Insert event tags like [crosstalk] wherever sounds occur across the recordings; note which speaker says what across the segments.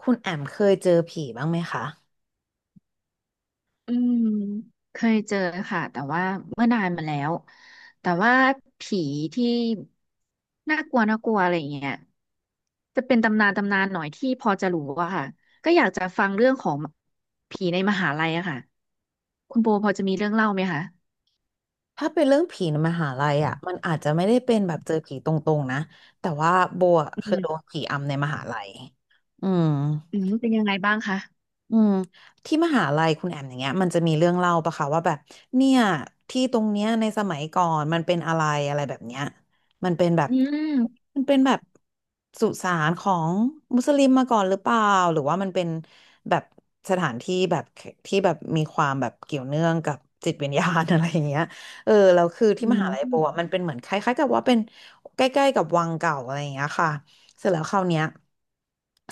Speaker 1: คุณแอมเคยเจอผีบ้างไหมคะ
Speaker 2: อืมเคยเจอค่ะแต่ว่าเมื่อนานมาแล้วแต่ว่าผีที่น่ากลัวน่ากลัวอะไรอย่างเงี้ยจะเป็นตำนานตำนานหน่อยที่พอจะรู้อะค่ะก็อยากจะฟังเรื่องของผีในมหาลัยอะค่ะคุณโบพอจะมีเรื่องเล่าไหมคะ
Speaker 1: ถ้าเป็นเรื่องผีในมหาลัยอ่ะ มันอาจจะไม่ได้เป็นแบบเจอผีตรงๆนะ แต่ว่าโบอะเค
Speaker 2: อื
Speaker 1: ยโดน
Speaker 2: ม
Speaker 1: ผีอำในมหาลัยอืม
Speaker 2: อืมเป็นยังไงบ้างคะ
Speaker 1: อืมที่มหาลัยคุณแอมอย่างเงี้ยมันจะมีเรื่องเล่าปะคะว่าแบบเนี่ยที่ตรงเนี้ยในสมัยก่อนมันเป็นอะไรอะไรแบบเนี้ยมันเป็นแบบ
Speaker 2: อืม
Speaker 1: มันเป็นแบบสุสานของมุสลิมมาก่อนหรือเปล่าหรือว่ามันเป็นแบบสถานที่แบบที่แบบมีความแบบเกี่ยวเนื่องกับจิตวิญญาณ [laughs] อะไรอย่างเงี้ย [laughs] เออแล้วคือ
Speaker 2: อื
Speaker 1: ที่มหาลัยโบอะมันเป็
Speaker 2: ม
Speaker 1: นเหมือนคล้ายๆกับว่าเป็นใกล้ๆกับวังเก่าอะไรอย่างเงี้ยค่ะ เสร็จแล้วคราวเนี้ย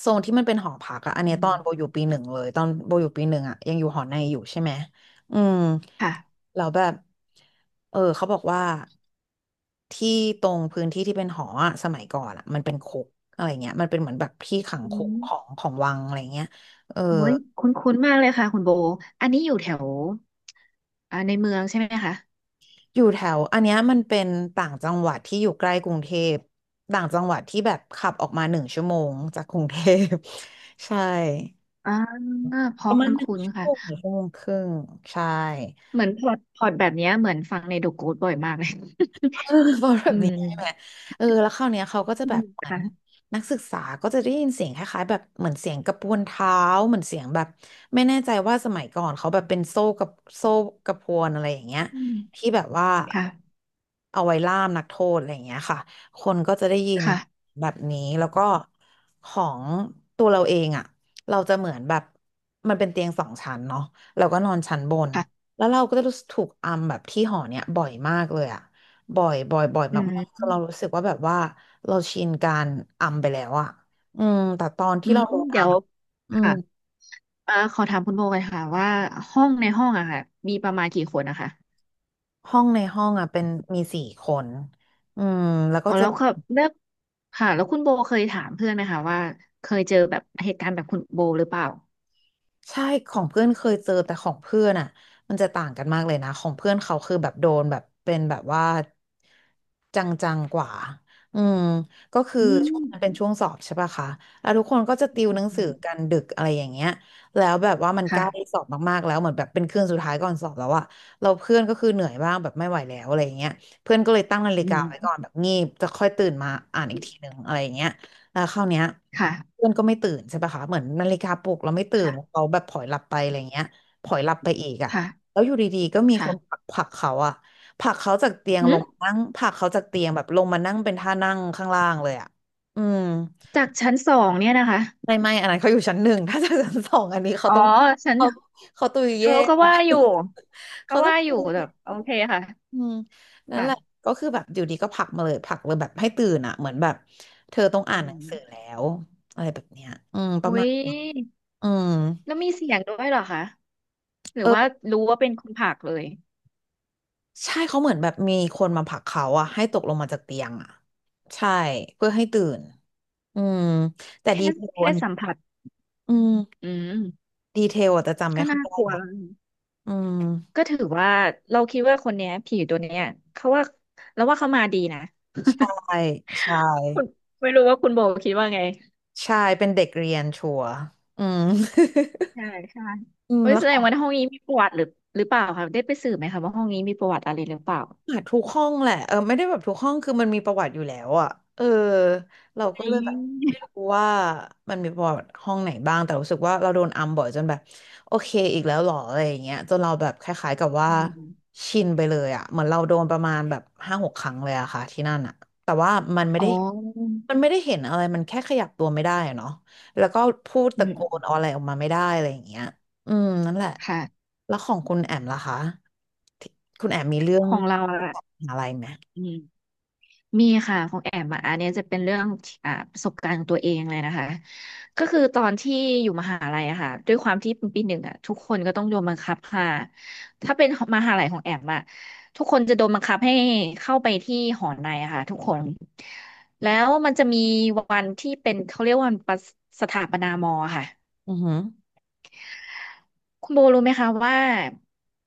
Speaker 1: โซนที่มันเป็นหอพักอะอันเนี้
Speaker 2: อื
Speaker 1: ยตอนโบ
Speaker 2: ม
Speaker 1: อยู่ปีหนึ่งเลยตอนโบอยู่ปีหนึ่งอะยังอยู่หอในอยู่ใช่ไหมอืม
Speaker 2: ค่ะ
Speaker 1: แล้วแบบเออเขาบอกว่าที่ตรงพื้นที่ที่เป็นหออะสมัยก่อนอะมันเป็นคุกอะไรเงี้ยมันเป็นเหมือนแบบที่ขัง
Speaker 2: อื
Speaker 1: คุกของ
Speaker 2: ม
Speaker 1: ของวังอะไรเงี้ยเออ
Speaker 2: โอ้ยคุ้นๆมากเลยค่ะคุณโบอันนี้อยู่แถวอ่าในเมืองใช่ไหมคะ
Speaker 1: อยู่แถวอันเนี้ยมันเป็นต่างจังหวัดที่อยู่ใกล้กรุงเทพต่างจังหวัดที่แบบขับออกมาหนึ่งชั่วโมงจากกรุงเทพ [laughs] ใช่
Speaker 2: อ่าเพ
Speaker 1: ป
Speaker 2: ราะ
Speaker 1: ระมาณหนึ่ง
Speaker 2: คุ้น
Speaker 1: ชั่ว
Speaker 2: ๆ
Speaker 1: โม
Speaker 2: ค่ะ
Speaker 1: งหรือชั่วโมงครึ่งใช่
Speaker 2: เหมือนพอร์ตแบบเนี้ยเหมือนฟังในเดอะโกสต์บ่อยมากเลย
Speaker 1: [laughs] เออเพราะแบ
Speaker 2: [laughs] อื
Speaker 1: บนี้ใช่ไหม
Speaker 2: ม
Speaker 1: เออแล้วคราวเนี้ยเขาก็จะ
Speaker 2: อื
Speaker 1: แบ
Speaker 2: ม
Speaker 1: บเหมือน
Speaker 2: ค่ะ
Speaker 1: นักศึกษาก็จะได้ยินเสียงคล้ายๆแบบเหมือนเสียงกระพวนเท้าเหมือนเสียงแบบไม่แน่ใจว่าสมัยก่อนเขาแบบเป็นโซ่กระพวนอะไรอย่างเงี้ย
Speaker 2: อืม
Speaker 1: ที่แบบว่า
Speaker 2: ค่ะ
Speaker 1: เอาไว้ล่ามนักโทษอะไรอย่างเงี้ยค่ะคนก็จะได้ยิน
Speaker 2: ค่ะ
Speaker 1: แบบนี้แล้วก็ของตัวเราเองอ่ะเราจะเหมือนแบบมันเป็นเตียง2 ชั้นเนาะเราก็นอนชั้นบน
Speaker 2: ค่ะ
Speaker 1: แล้วเราก็จะรู้สึกถูกอัมแบบที่หอเนี่ยบ่อยมากเลยอะ บ่อย บ่อย บ่อย
Speaker 2: อื
Speaker 1: มากๆจน
Speaker 2: ม
Speaker 1: เรารู้สึกว่าแบบว่าเราชินการอัมไปแล้วอะอืม แต่ตอน
Speaker 2: อื
Speaker 1: ที่
Speaker 2: ม
Speaker 1: เราโดนอั
Speaker 2: เดี๋ย
Speaker 1: ม
Speaker 2: ว
Speaker 1: อะอืม
Speaker 2: ค่ะอ่าขอถามคุณโบกันค่ะว่าห้องในห้องอะค่ะมีประมาณกี่คนนะคะ
Speaker 1: ห้องในห้องอะเป็นมี4 คน อืม แล้วก็
Speaker 2: อ๋อ
Speaker 1: จะ
Speaker 2: แล้วก็เลือกค่ะแล้วคุณโบเคยถามเพื่อนไหมคะว่าเคยเจอแบบเหตุการณ์แบบคุณโบหรือเปล่า
Speaker 1: ใช่ของเพื่อนเคยเจอแต่ของเพื่อนอ่ะมันจะต่างกันมากเลยนะของเพื่อนเขาคือแบบโดนแบบเป็นแบบว่าจังๆกว่าอืมก็คือ
Speaker 2: อืม
Speaker 1: ช่วงนั้นเป็นช่วงสอบใช่ปะคะแล้วทุกคนก็จะติวหนังสือ
Speaker 2: อื
Speaker 1: กัน
Speaker 2: ม
Speaker 1: ดึกอะไรอย่างเงี้ยแล้วแบบว่ามันใกล้ส
Speaker 2: ค่ะ
Speaker 1: อบมากๆแล้วเหมือนแบบเป็นคืนสุดท้ายก่อนสอบแล้วอะเราเพื่อนก็คือเหนื่อยบ้างแบบไม่ไหวแล้วอะไรอย่างเงี้ยเพื่อนก็เลยตั้งนาฬิ
Speaker 2: อื
Speaker 1: กา
Speaker 2: ม
Speaker 1: ไว้ก่อนแบบงีบจะค่อยตื่นมาอ่านอีกทีหนึ่งอะไรอย่างเงี้ย แล้วคราวเนี้ย
Speaker 2: ค่ะ
Speaker 1: เพื่อนก็ไม่ตื่นใช่ปะคะเหมือนนาฬิกาปลุกเราไม่ตื่น
Speaker 2: ค่ะ
Speaker 1: เขาแบบผลอยหลับไปอะไรเงี้ยผลอยหลับไปอีกอ่ะ
Speaker 2: ค่ะ
Speaker 1: แล้วอยู่ดีๆก็มีคนผลั
Speaker 2: ค่ะ
Speaker 1: กผลักเขาอ่ะผลักเขาจากเตียง
Speaker 2: อื
Speaker 1: ลงมา
Speaker 2: ม
Speaker 1: นั่งผลักเขาจากเตียงแบบลงมานั่งเป็นท่านั่งข้างล่างเลยอ่ะอืม
Speaker 2: จากชั้นสองเนี่ยนะคะ
Speaker 1: ไม่อันนั้นเขาอยู่ชั้นหนึ่งถ้าจะชั้นสองอันนี้เขา
Speaker 2: อ๋อ
Speaker 1: ต้อง
Speaker 2: ชั้น
Speaker 1: เขาเขาตุย
Speaker 2: เอ
Speaker 1: เย่
Speaker 2: อก็
Speaker 1: อะ
Speaker 2: ว่าอยู่
Speaker 1: [laughs]
Speaker 2: ก็
Speaker 1: เขาต้อง
Speaker 2: ว่าอยู่แบบโอเคค่ะ
Speaker 1: อืมนั่นแหละ
Speaker 2: ค่ะ
Speaker 1: ก็คือแบบอยู่ดีก็ผลักมาเลยผลักเลยแบบให้ตื่นอ่ะเหมือนแบบเธอต้อง
Speaker 2: อื
Speaker 1: อ่านหนังสือแล้
Speaker 2: ม
Speaker 1: วอะไรแบบเนี้ยอืมป
Speaker 2: อุ้
Speaker 1: ระมาณ
Speaker 2: ย
Speaker 1: อืม
Speaker 2: แล้วมีเสียงด้วยเหรอคะ หรือ
Speaker 1: เอ
Speaker 2: ว่า
Speaker 1: อ
Speaker 2: รู้ว่าเป็นคนผากเลย
Speaker 1: ใช่เขาเหมือนแบบมีคนมาผลักเขาอ่ะให้ตกลงมาจากเตียงอ่ะใช่เพื่อให้ตื่นอืมแต่
Speaker 2: แค่
Speaker 1: ดีเทล
Speaker 2: แค่
Speaker 1: อันนี้
Speaker 2: สัมผัส
Speaker 1: อืม
Speaker 2: อืม
Speaker 1: ดีเทลอะจจำไม่
Speaker 2: ก็
Speaker 1: ค่อย
Speaker 2: น่า
Speaker 1: ได้
Speaker 2: กลัว
Speaker 1: ละ
Speaker 2: แล้วนะ
Speaker 1: อืม
Speaker 2: ก็ถือว่าเราคิดว่าคนเนี้ยผีตัวเนี้ยเขาว่าเราว่าเขามาดีนะ
Speaker 1: ใช่ใช่
Speaker 2: [laughs] คุณไม่รู้ว่าคุณโบคิดว่าไง
Speaker 1: ใช่เป็นเด็กเรียนชัวร์อืม
Speaker 2: ใช่ใช่
Speaker 1: [laughs] อืม
Speaker 2: เฮ้ย
Speaker 1: แล้ว
Speaker 2: แสดงว่าห้องนี้มีประวัติหรือหรือเปล่าคะได้ไปสืบไหมคะว่าห้องนี้มีประวัติอะไรหรือเปล่า
Speaker 1: อ่ะทุกห้องแหละเออไม่ได้แบบทุกห้องคือมันมีประวัติอยู่แล้วอ่ะเออเราก็เล
Speaker 2: นี
Speaker 1: ยแบบไม่
Speaker 2: ่
Speaker 1: รู้ว่ามันมีประวัติห้องไหนบ้างแต่รู้สึกว่าเราโดนอัมบ่อยจนแบบโอเคอีกแล้วเหรออะไรอย่างเงี้ยจนเราแบบคล้ายๆกับว่า
Speaker 2: อืม
Speaker 1: ชินไปเลยอ่ะเหมือนเราโดนประมาณแบบ5-6 ครั้งเลยอะค่ะที่นั่นอ่ะแต่ว่ามันไม่
Speaker 2: อ๋
Speaker 1: ได้
Speaker 2: อ
Speaker 1: มันไม่ได้เห็นอะไรมันแค่ขยับตัวไม่ได้อะเนาะแล้วก็พูด
Speaker 2: อื
Speaker 1: ตะโกน
Speaker 2: ม
Speaker 1: อะไรออกมาไม่ได้อะไรอย่างเงี้ย อืมนั่นแหละ
Speaker 2: ค่ะ
Speaker 1: แล้วของคุณแอมล่ะคะที่คุณแอมมีเรื่อ
Speaker 2: ข
Speaker 1: ง
Speaker 2: องเราอะ
Speaker 1: อะไรไหม
Speaker 2: อืมมีค่ะของแอมอะอันเนี้ยจะเป็นเรื่องที่อ่าประสบการณ์ของตัวเองเลยนะคะ ก็คือตอนที่อยู่มหาลัยอะค่ะ ด้วยความที่เป็นปีหนึ่งอะทุกคนก็ต้องโดนบังคับค่ะ ถ้าเป็นมหาลัยของแอมอะทุกคนจะโดนบังคับให้เข้าไปที่หอในอะค่ะทุกคน แล้วมันจะมีวันที่เป็นเขาเรียกว่าวันประสถาปนามอค่ะ
Speaker 1: อือหือ
Speaker 2: คุณโบรู้ไหมคะว่า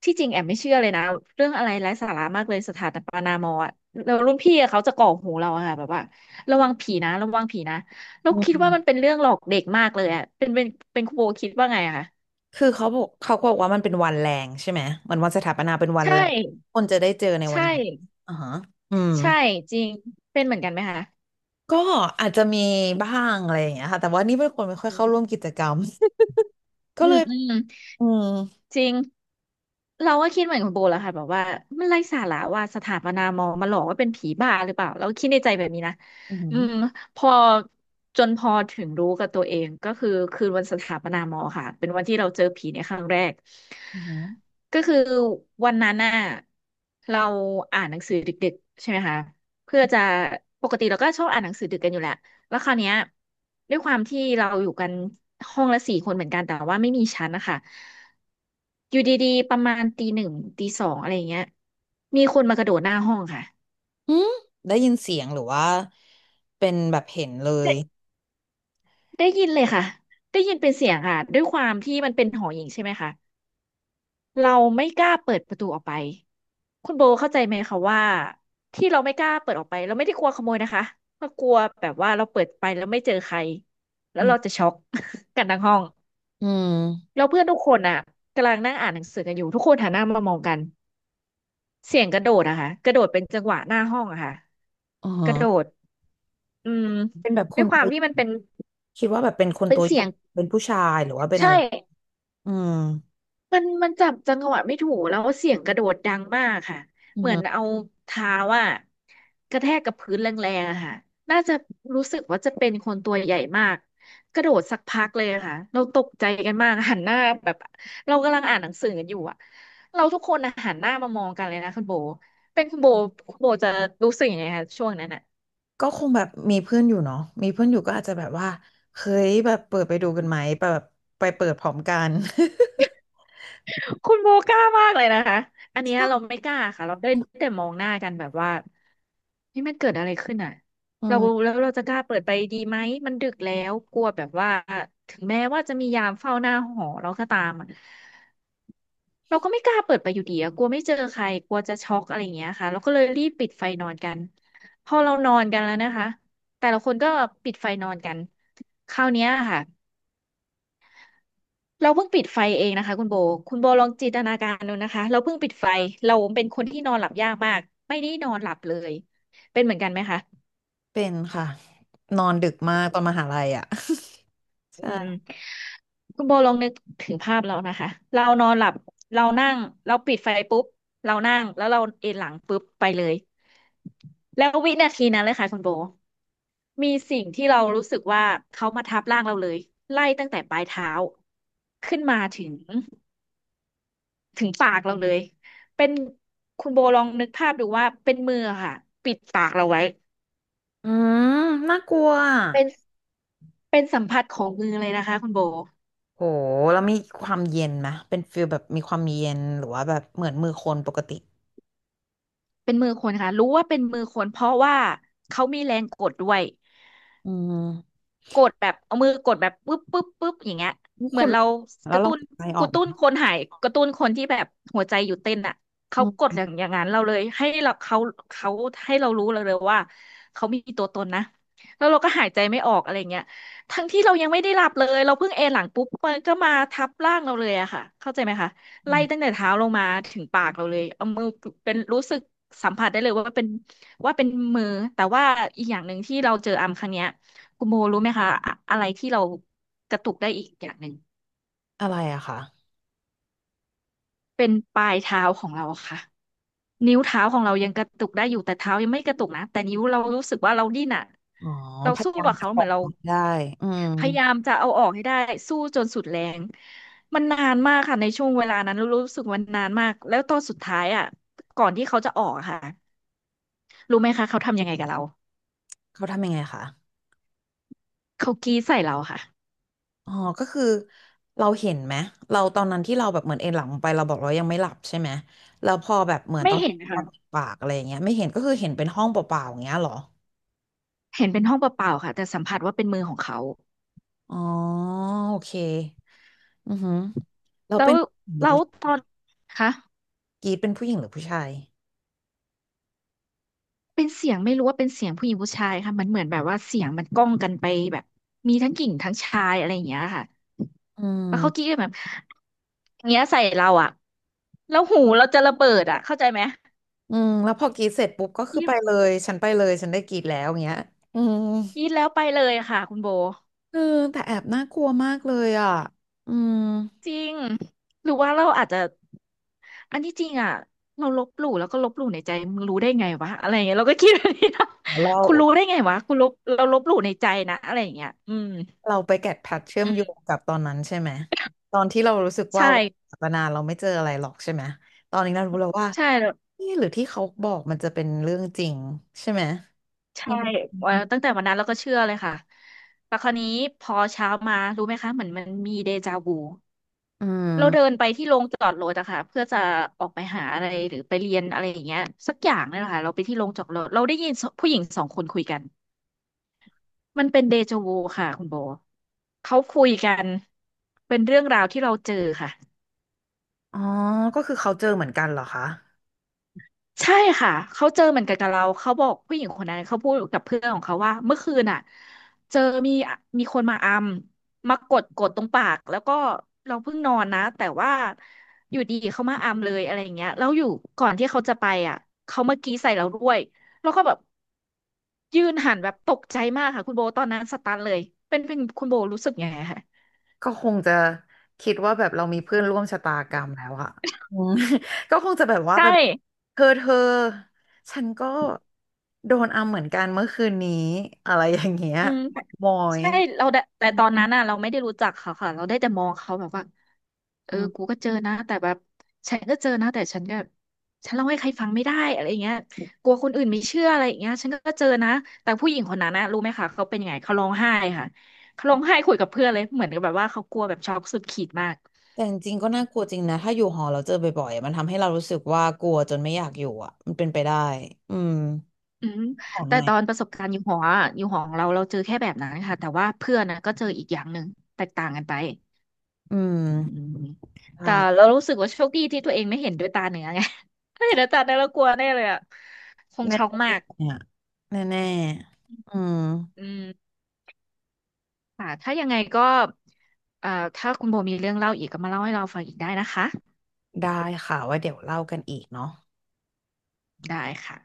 Speaker 2: ที่จริงแอมไม่เชื่อเลยนะเรื่องอะไรไร้สาระมากเลยสถานปานามออะแล้วรุ่นพี่อะเขาจะก่อหูเราอะค่ะแบบว่าระวังผีนะระวังผีนะเรา
Speaker 1: อืม
Speaker 2: คิดว่ามันเป็นเรื่องหลอกเด็กมากเลยอะเป็นคุณโบคิดว่าไงอะคะ
Speaker 1: คือเขาบอกเขาบอกว่ามันเป็นวันแรงใช่ไหมมันวันสถาปนาเป็นวัน
Speaker 2: ใช่
Speaker 1: แรงคนจะได้เจอในวั
Speaker 2: ใช่
Speaker 1: นนี้อ่าฮะอืม
Speaker 2: ใช่จริงเป็นเหมือนกันไหมคะ
Speaker 1: ก็อาจจะมีบ้างอะไรอย่างเงี้ยค่ะแต่ว่านี่เป็นคนไม่ค่อย
Speaker 2: อื
Speaker 1: เข้าร่วมกิจกรรม [laughs]
Speaker 2: ม
Speaker 1: ก็
Speaker 2: อื
Speaker 1: เลย
Speaker 2: ม
Speaker 1: อืม
Speaker 2: จริงเราก็คิดเหมือนคุณโบแหละค่ะแบบว่ามันไร้สาระว่าสถาปนามอมาหลอกว่าเป็นผีบ้าหรือเปล่าเราคิดในใจแบบนี้นะ
Speaker 1: อื
Speaker 2: อื
Speaker 1: ม
Speaker 2: มพอจนพอถึงรู้กับตัวเองก็คือคืนวันสถาปนามอค่ะเป็นวันที่เราเจอผีในครั้งแรก
Speaker 1: อืม
Speaker 2: ก็คือวันนั้นน่ะเราอ่านหนังสือดึกๆใช่ไหมคะเพื่อจะปกติเราก็ชอบอ่านหนังสือดึกกันอยู่แหละ แล้วคราวเนี้ยด้วยความที่เราอยู่กันห้องละสี่คนเหมือนกันแต่ว่าไม่มีชั้นนะคะอยู่ดีๆประมาณตีหนึ่งตีสองอะไรอย่างเงี้ยมีคนมากระโดดหน้าห้องค่ะ
Speaker 1: อืมได้ยินเสียงหรือว่าเป็นแบบเห็นเลย
Speaker 2: ได้ได้ยินเลยค่ะได้ยินเป็นเสียงค่ะด้วยความที่มันเป็นหอหญิงใช่ไหมคะเราไม่กล้าเปิดประตูออกไปคุณโบเข้าใจไหมคะว่าที่เราไม่กล้าเปิดออกไปเราไม่ได้กลัวขโมยนะคะเรากลัวแบบว่าเราเปิดไปแล้วไม่เจอใครแล้
Speaker 1: อื
Speaker 2: วเราจะ
Speaker 1: ม
Speaker 2: ช็อก [laughs] กันทั้งห้อง
Speaker 1: อืม
Speaker 2: แล้วเพื่อนทุกคนอ่ะกำลังนั่งอ่านหนังสือกันอยู่ทุกคนหันหน้ามามองกันเสียงกระโดดอะค่ะกระโดดเป็นจังหวะหน้าห้องอะค่ะ
Speaker 1: อ๋อ
Speaker 2: กระโดดอืม
Speaker 1: เป็นแบบ
Speaker 2: ด้
Speaker 1: คุ
Speaker 2: วย
Speaker 1: ณ
Speaker 2: ความที่มันเป็น
Speaker 1: คิดว่าแบบเป็นคน
Speaker 2: เป็น
Speaker 1: ตัวอ
Speaker 2: เสี
Speaker 1: ย่า
Speaker 2: ย
Speaker 1: ง
Speaker 2: ง
Speaker 1: เป็นผู้ชายหรือว่าเป็น
Speaker 2: ใช่
Speaker 1: อะไรอืม
Speaker 2: มันจับจังหวะไม่ถูกแล้วเสียงกระโดดดังมากค่ะ
Speaker 1: อือ
Speaker 2: เหมือ
Speaker 1: ฮึ
Speaker 2: นเอาเท้าอ่ะกระแทกกับพื้นแรงๆอะค่ะน่าจะรู้สึกว่าจะเป็นคนตัวใหญ่มากกระโดดสักพักเลยอะค่ะเราตกใจกันมากหันหน้าแบบเรากำลังอ่านหนังสือกันอยู่อ่ะเราทุกคนอะหันหน้ามามองกันเลยนะคุณโบเป็นคุณโบคุณโบจะรู้สึกยังไงคะช่วงนั้นอ่ะ
Speaker 1: ก็คงแบบมีเพื่อนอยู่เนาะมีเพื่อนอยู่ก็อาจจะแบบว่าเฮ้ยแบบเปิดไปดูกันไหมแบบไปเปิดพร้อมกัน
Speaker 2: คุณโบกล้ามากเลยนะคะอันเนี้ยเราไม่กล้าค่ะเราได้
Speaker 1: [laughs]
Speaker 2: แต่มองหน้ากันแบบว่า นี่มันเกิดอะไรขึ้นอ่ะ
Speaker 1: อื
Speaker 2: เรา
Speaker 1: ม
Speaker 2: แล้วเราจะกล้าเปิดไปดีไหมมันดึกแล้วกลัวแบบว่าถึงแม้ว่าจะมียามเฝ้าหน้าหอเราก็ตามอะเราก็ไม่กล้าเปิดไปอยู่ดีอะกลัวไม่เจอใครกลัวจะช็อกอะไรอย่างเงี้ยค่ะเราก็เลยรีบปิดไฟนอนกันพอเรานอนกันแล้วนะคะแต่ละคนก็ปิดไฟนอนกันคราวเนี้ยค่ะเราเพิ่งปิดไฟเองนะคะคุณโบคุณโบลองจินตนาการดูนะคะเราเพิ่งปิดไฟเราเป็นคนที่นอนหลับยากมากไม่ได้นอนหลับเลยเป็นเหมือนกันไหมคะ
Speaker 1: เป็นค่ะนอนดึกมากตอนมหาลัยอ่ะ [laughs]
Speaker 2: อืม
Speaker 1: ใช่
Speaker 2: คุณโบลองนึกถึงภาพเรานะคะเรานอนหลับเรานั่งเราปิดไฟปุ๊บเรานั่งแล้วเราเอนหลังปุ๊บไปเลยแล้ววินาทีนั้นเลยค่ะคุณโบมีสิ่งที่เรารู้สึกว่าเขามาทับร่างเราเลยไล่ตั้งแต่ปลายเท้าขึ้นมาถึงปากเราเลยเป็นคุณโบลองนึกภาพดูว่าเป็นมือค่ะปิดปากเราไว้
Speaker 1: อืมน่ากลัวอะ
Speaker 2: เป็นสัมผัสของมือเลยนะคะคุณโบ
Speaker 1: โหแล้วมีความเย็นไหมเป็นฟิลแบบมีความเย็นหรือว่าแบบเหมือนมือคนปกติ
Speaker 2: เป็นมือคนค่ะรู้ว่าเป็นมือคนเพราะว่าเขามีแรงกดด้วย
Speaker 1: อืม
Speaker 2: กดแบบเอามือกดแบบปึ๊บปึ๊บปึ๊บอย่างเงี้ย
Speaker 1: ทุก
Speaker 2: เห
Speaker 1: ค
Speaker 2: มือน
Speaker 1: น
Speaker 2: เรา
Speaker 1: แล้
Speaker 2: ก
Speaker 1: ว
Speaker 2: ระ
Speaker 1: ลอ
Speaker 2: ตุ้
Speaker 1: ง
Speaker 2: น
Speaker 1: ใจออกไหม
Speaker 2: คนหายกระตุ้นคนที่แบบหัวใจหยุดเต้นอ่ะเขากด
Speaker 1: อื
Speaker 2: อ
Speaker 1: ม
Speaker 2: ย่างนั้นเราเลยให้เราเขาเขาให้เรารู้เเลยว่าเขามีตัวตนนะแล้วเราก็หายใจไม่ออกอะไรเงี้ยทั้งที่เรายังไม่ได้หลับเลยเราเพิ่งเอนหลังปุ๊บมันก็มาทับร่างเราเลยอะค่ะเข้าใจไหมคะ
Speaker 1: อื
Speaker 2: ไล่ตั้ง
Speaker 1: ม
Speaker 2: แต่เท้าลงมาถึงปากเราเลยเอามือเป็นรู้สึกสัมผัสได้เลยว่าเป็นว่าเป็นมือแต่ว่าอีกอย่างหนึ่งที่เราเจออัมครั้งเนี้ย คุณโมรู้ไหมคะอะไรที่เรากระตุกได้อีกอย่างหนึ่ง
Speaker 1: อะไรอะคะ
Speaker 2: เป็นปลายเท้าของเราค่ะนิ้วเท้าของเรายังกระตุกได้อยู่แต่เท้ายังไม่กระตุกนะแต่นิ้วเรารู้สึกว่าเราดิ้นอะ
Speaker 1: อ๋อ
Speaker 2: เรา
Speaker 1: พยา
Speaker 2: สู้
Speaker 1: ยาม
Speaker 2: กับ
Speaker 1: จะ
Speaker 2: เขา
Speaker 1: บ
Speaker 2: เห
Speaker 1: อ
Speaker 2: มือน
Speaker 1: ก
Speaker 2: เรา
Speaker 1: ได้อืม
Speaker 2: พยายามจะเอาออกให้ได้สู้จนสุดแรงมันนานมากค่ะในช่วงเวลานั้นรู้สึกมันนานมากแล้วตอนสุดท้ายอะก่อนที่เขาจะออกอะค่ะรู้ไหมคะเขาทำยังไงกับเรา
Speaker 1: เขาทำยังไงคะ
Speaker 2: เขากรีดใส่เราค่ะ
Speaker 1: อ๋อก็คือเราเห็นไหมเราตอนนั้นที่เราแบบเหมือนเอนหลังลงไปเราบอกเรายังไม่หลับใช่ไหมแล้วพอแบบเหมือน
Speaker 2: ไม่
Speaker 1: ตอน
Speaker 2: เห็น
Speaker 1: นอ
Speaker 2: ค่ะ
Speaker 1: นปากอะไรอย่างเงี้ยไม่เห็นก็คือเห็นเป็นห้องเปล่าๆอย่างเงี้ยเหรอ
Speaker 2: เห็นเป็นห้องเปล่าๆค่ะแต่สัมผัสว่าเป็นมือของเขา
Speaker 1: อ๋อโอเคอือหือเรา
Speaker 2: แล้
Speaker 1: เป็
Speaker 2: ว
Speaker 1: นผู้หญิงหรือผู้
Speaker 2: ตอนคะ
Speaker 1: กรีดเป็นผู้หญิงหรือผู้ชาย
Speaker 2: เป็นเสียงไม่รู้ว่าเป็นเสียงผู้หญิงผู้ชายค่ะมันเหมือนแบบว่าเสียงมันก้องกันไปแบบมีทั้งหญิงทั้งชายอะไรอย่างเงี้ยค่ะ
Speaker 1: อื
Speaker 2: แล้วเขากรี้
Speaker 1: ม
Speaker 2: กแบบอย่างเงี้ยใส่เราอ่ะแล้วหูเราจะระเบิดอ่ะเข้าใจไหม
Speaker 1: อืมแล้วพอกรีดเสร็จปุ๊บก็
Speaker 2: ก
Speaker 1: คือ
Speaker 2: รี
Speaker 1: ไป
Speaker 2: ด
Speaker 1: เลยฉันไปเลยฉันได้กรีดแล้วอย่างเงี้ยอืม
Speaker 2: แล้วไปเลยค่ะคุณโบ
Speaker 1: เออแต่แอบน่ากลัวมากเลยอ่ะอืม
Speaker 2: จริงหรือว่าเราอาจจะอันที่จริงอ่ะเราลบหลู่แล้วก็ลบหลู่ในใจมึงรู้ได้ไงวะอะไรอย่างเงี้ยเราก็คิดแบบนี้นะ
Speaker 1: เรา
Speaker 2: คุณรู้ได้ไงวะคุณลบเราลบหลู่ในใจนะอะไรอย่างเงี้ยอืม
Speaker 1: เราไปแกะแพทเชื่อม
Speaker 2: อื
Speaker 1: โย
Speaker 2: ม
Speaker 1: งกับตอนนั้นใช่ไหมตอนที่เรารู้สึกว่า
Speaker 2: ใช่
Speaker 1: ศาสนาเราไม่เจออะไรหรอกใช่ไหมตอนนี้เรารู้แล้วว่า
Speaker 2: ใช่
Speaker 1: นี่หรือที่เขาบอกมันจะเป็นเรื่องจริงใช่ไหมอื
Speaker 2: ใช่
Speaker 1: ม
Speaker 2: ตั้งแต่วันนั้นเราก็เชื่อเลยค่ะ แต่คราวนี้พอเช้ามารู้ไหมคะเหมือนมันมีเดจาวู
Speaker 1: อื
Speaker 2: เราเดิน
Speaker 1: ม
Speaker 2: ไปที่โรงจอดรถอะค่ะเพื่อจะออกไปหาอะไรหรือไปเรียนอะไรอย่างเงี้ยสักอย่างนี่แหละค่ะเราไปที่โรงจอดรถเราได้ยินผู้หญิงสองคนคุยกันมันเป็นเดจาวูค่ะคุณโบเขาคุยกันเป็นเรื่องราวที่เราเจอค่ะ
Speaker 1: อ๋อก็คือเขาเจอเหมือนกันเหรอคะ
Speaker 2: ใช่ค่ะเขาเจอเหมือนกันกับเราเขาบอกผู้หญิงคนนั้นเขาพูดกับเพื่อนของเขาว่าเมื่อคืนอ่ะเจอมีคนมาอัมมากดตรงปากแล้วก็เราเพิ่งนอนนะแต่ว่าอยู่ดีเขามาอัมเลยอะไรอย่างเงี้ยแล้วอยู่ก่อนที่เขาจะไปอ่ะเขามากรี้ใส่เราด้วยแล้วก็แบบยืนหันแบบตกใจมากค่ะคุณโบตอนนั้นสตันเลยเป็นคุณโบรู้สึกยังไงคะ
Speaker 1: ก็คงจะคิดว่าแบบเรามีเพื่อนร่วมชะตากรรมแล้วอะอืม [laughs] ก็คงจะแบบว่า
Speaker 2: ใช
Speaker 1: ไป
Speaker 2: ่
Speaker 1: เธอฉันก็โดนอำเหมือนกันเมื่อคืนนี้อะไรอย่างเงี้ย
Speaker 2: อืมแต่
Speaker 1: มอย
Speaker 2: ใช่เราได้แต่ตอนนั้นน่ะเราไม่ได้รู้จักเขาค่ะเราได้แต่มองเขาแบบว่าเอ
Speaker 1: อื
Speaker 2: อกู
Speaker 1: ม
Speaker 2: ก็เจอนะแต่แบบฉันก็เจอนะแต่ฉันก็ฉันเล่าให้ใครฟังไม่ได้อะไรอย่างเงี้ยกลัวคนอื่นไม่เชื่ออะไรอย่างเงี้ยฉันก็เจอนะแต่ผู้หญิงคนนั้นนะรู้ไหมคะเขาเป็นยังไงเขาร้องไห้ค่ะเขาร้องไห้คุยกับเพื่อนเลยเหมือนกับแบบว่าเขากลัวแบบช็อกสุดขีดมาก
Speaker 1: แต่จริงๆก็น่ากลัวจริงนะถ้าอยู่หอเราเจอบ่อยๆอะมันทำให้เรารู้สึกว่ากลัวจนไม่อยากอยู่อ่ะมันเป็นไปได้อืม
Speaker 2: อืม
Speaker 1: ขอห
Speaker 2: แต่
Speaker 1: น่อย
Speaker 2: ตอนประสบการณ์อยู่หออะอยู่หอของเราเราเจอแค่แบบนั้นค่ะแต่ว่าเพื่อนนะก็เจออีกอย่างหนึ่งแตกต่างกันไป
Speaker 1: อื
Speaker 2: อื
Speaker 1: ม
Speaker 2: มแต่
Speaker 1: ได้
Speaker 2: เรารู้สึกว่าโชคดีที่ตัวเองไม่เห็นด้วยตาเนื้อไง [laughs] ถ้าเห็นด้วยตาเนื้อเรากลัวแน่เลยอ่ะคง
Speaker 1: แน่
Speaker 2: ช็อก
Speaker 1: ๆเน
Speaker 2: มาก
Speaker 1: ี่ยแน่ๆอืม
Speaker 2: อืมค่ะถ้ายังไงก็เอ่อถ้าคุณโบมีเรื่องเล่าอีกก็มาเล่าให้เราฟังอีกได้นะคะ
Speaker 1: ได้ค่ะไว่าเดี๋ยวเล่ากันอีกเนาะ
Speaker 2: ได้ค่ะ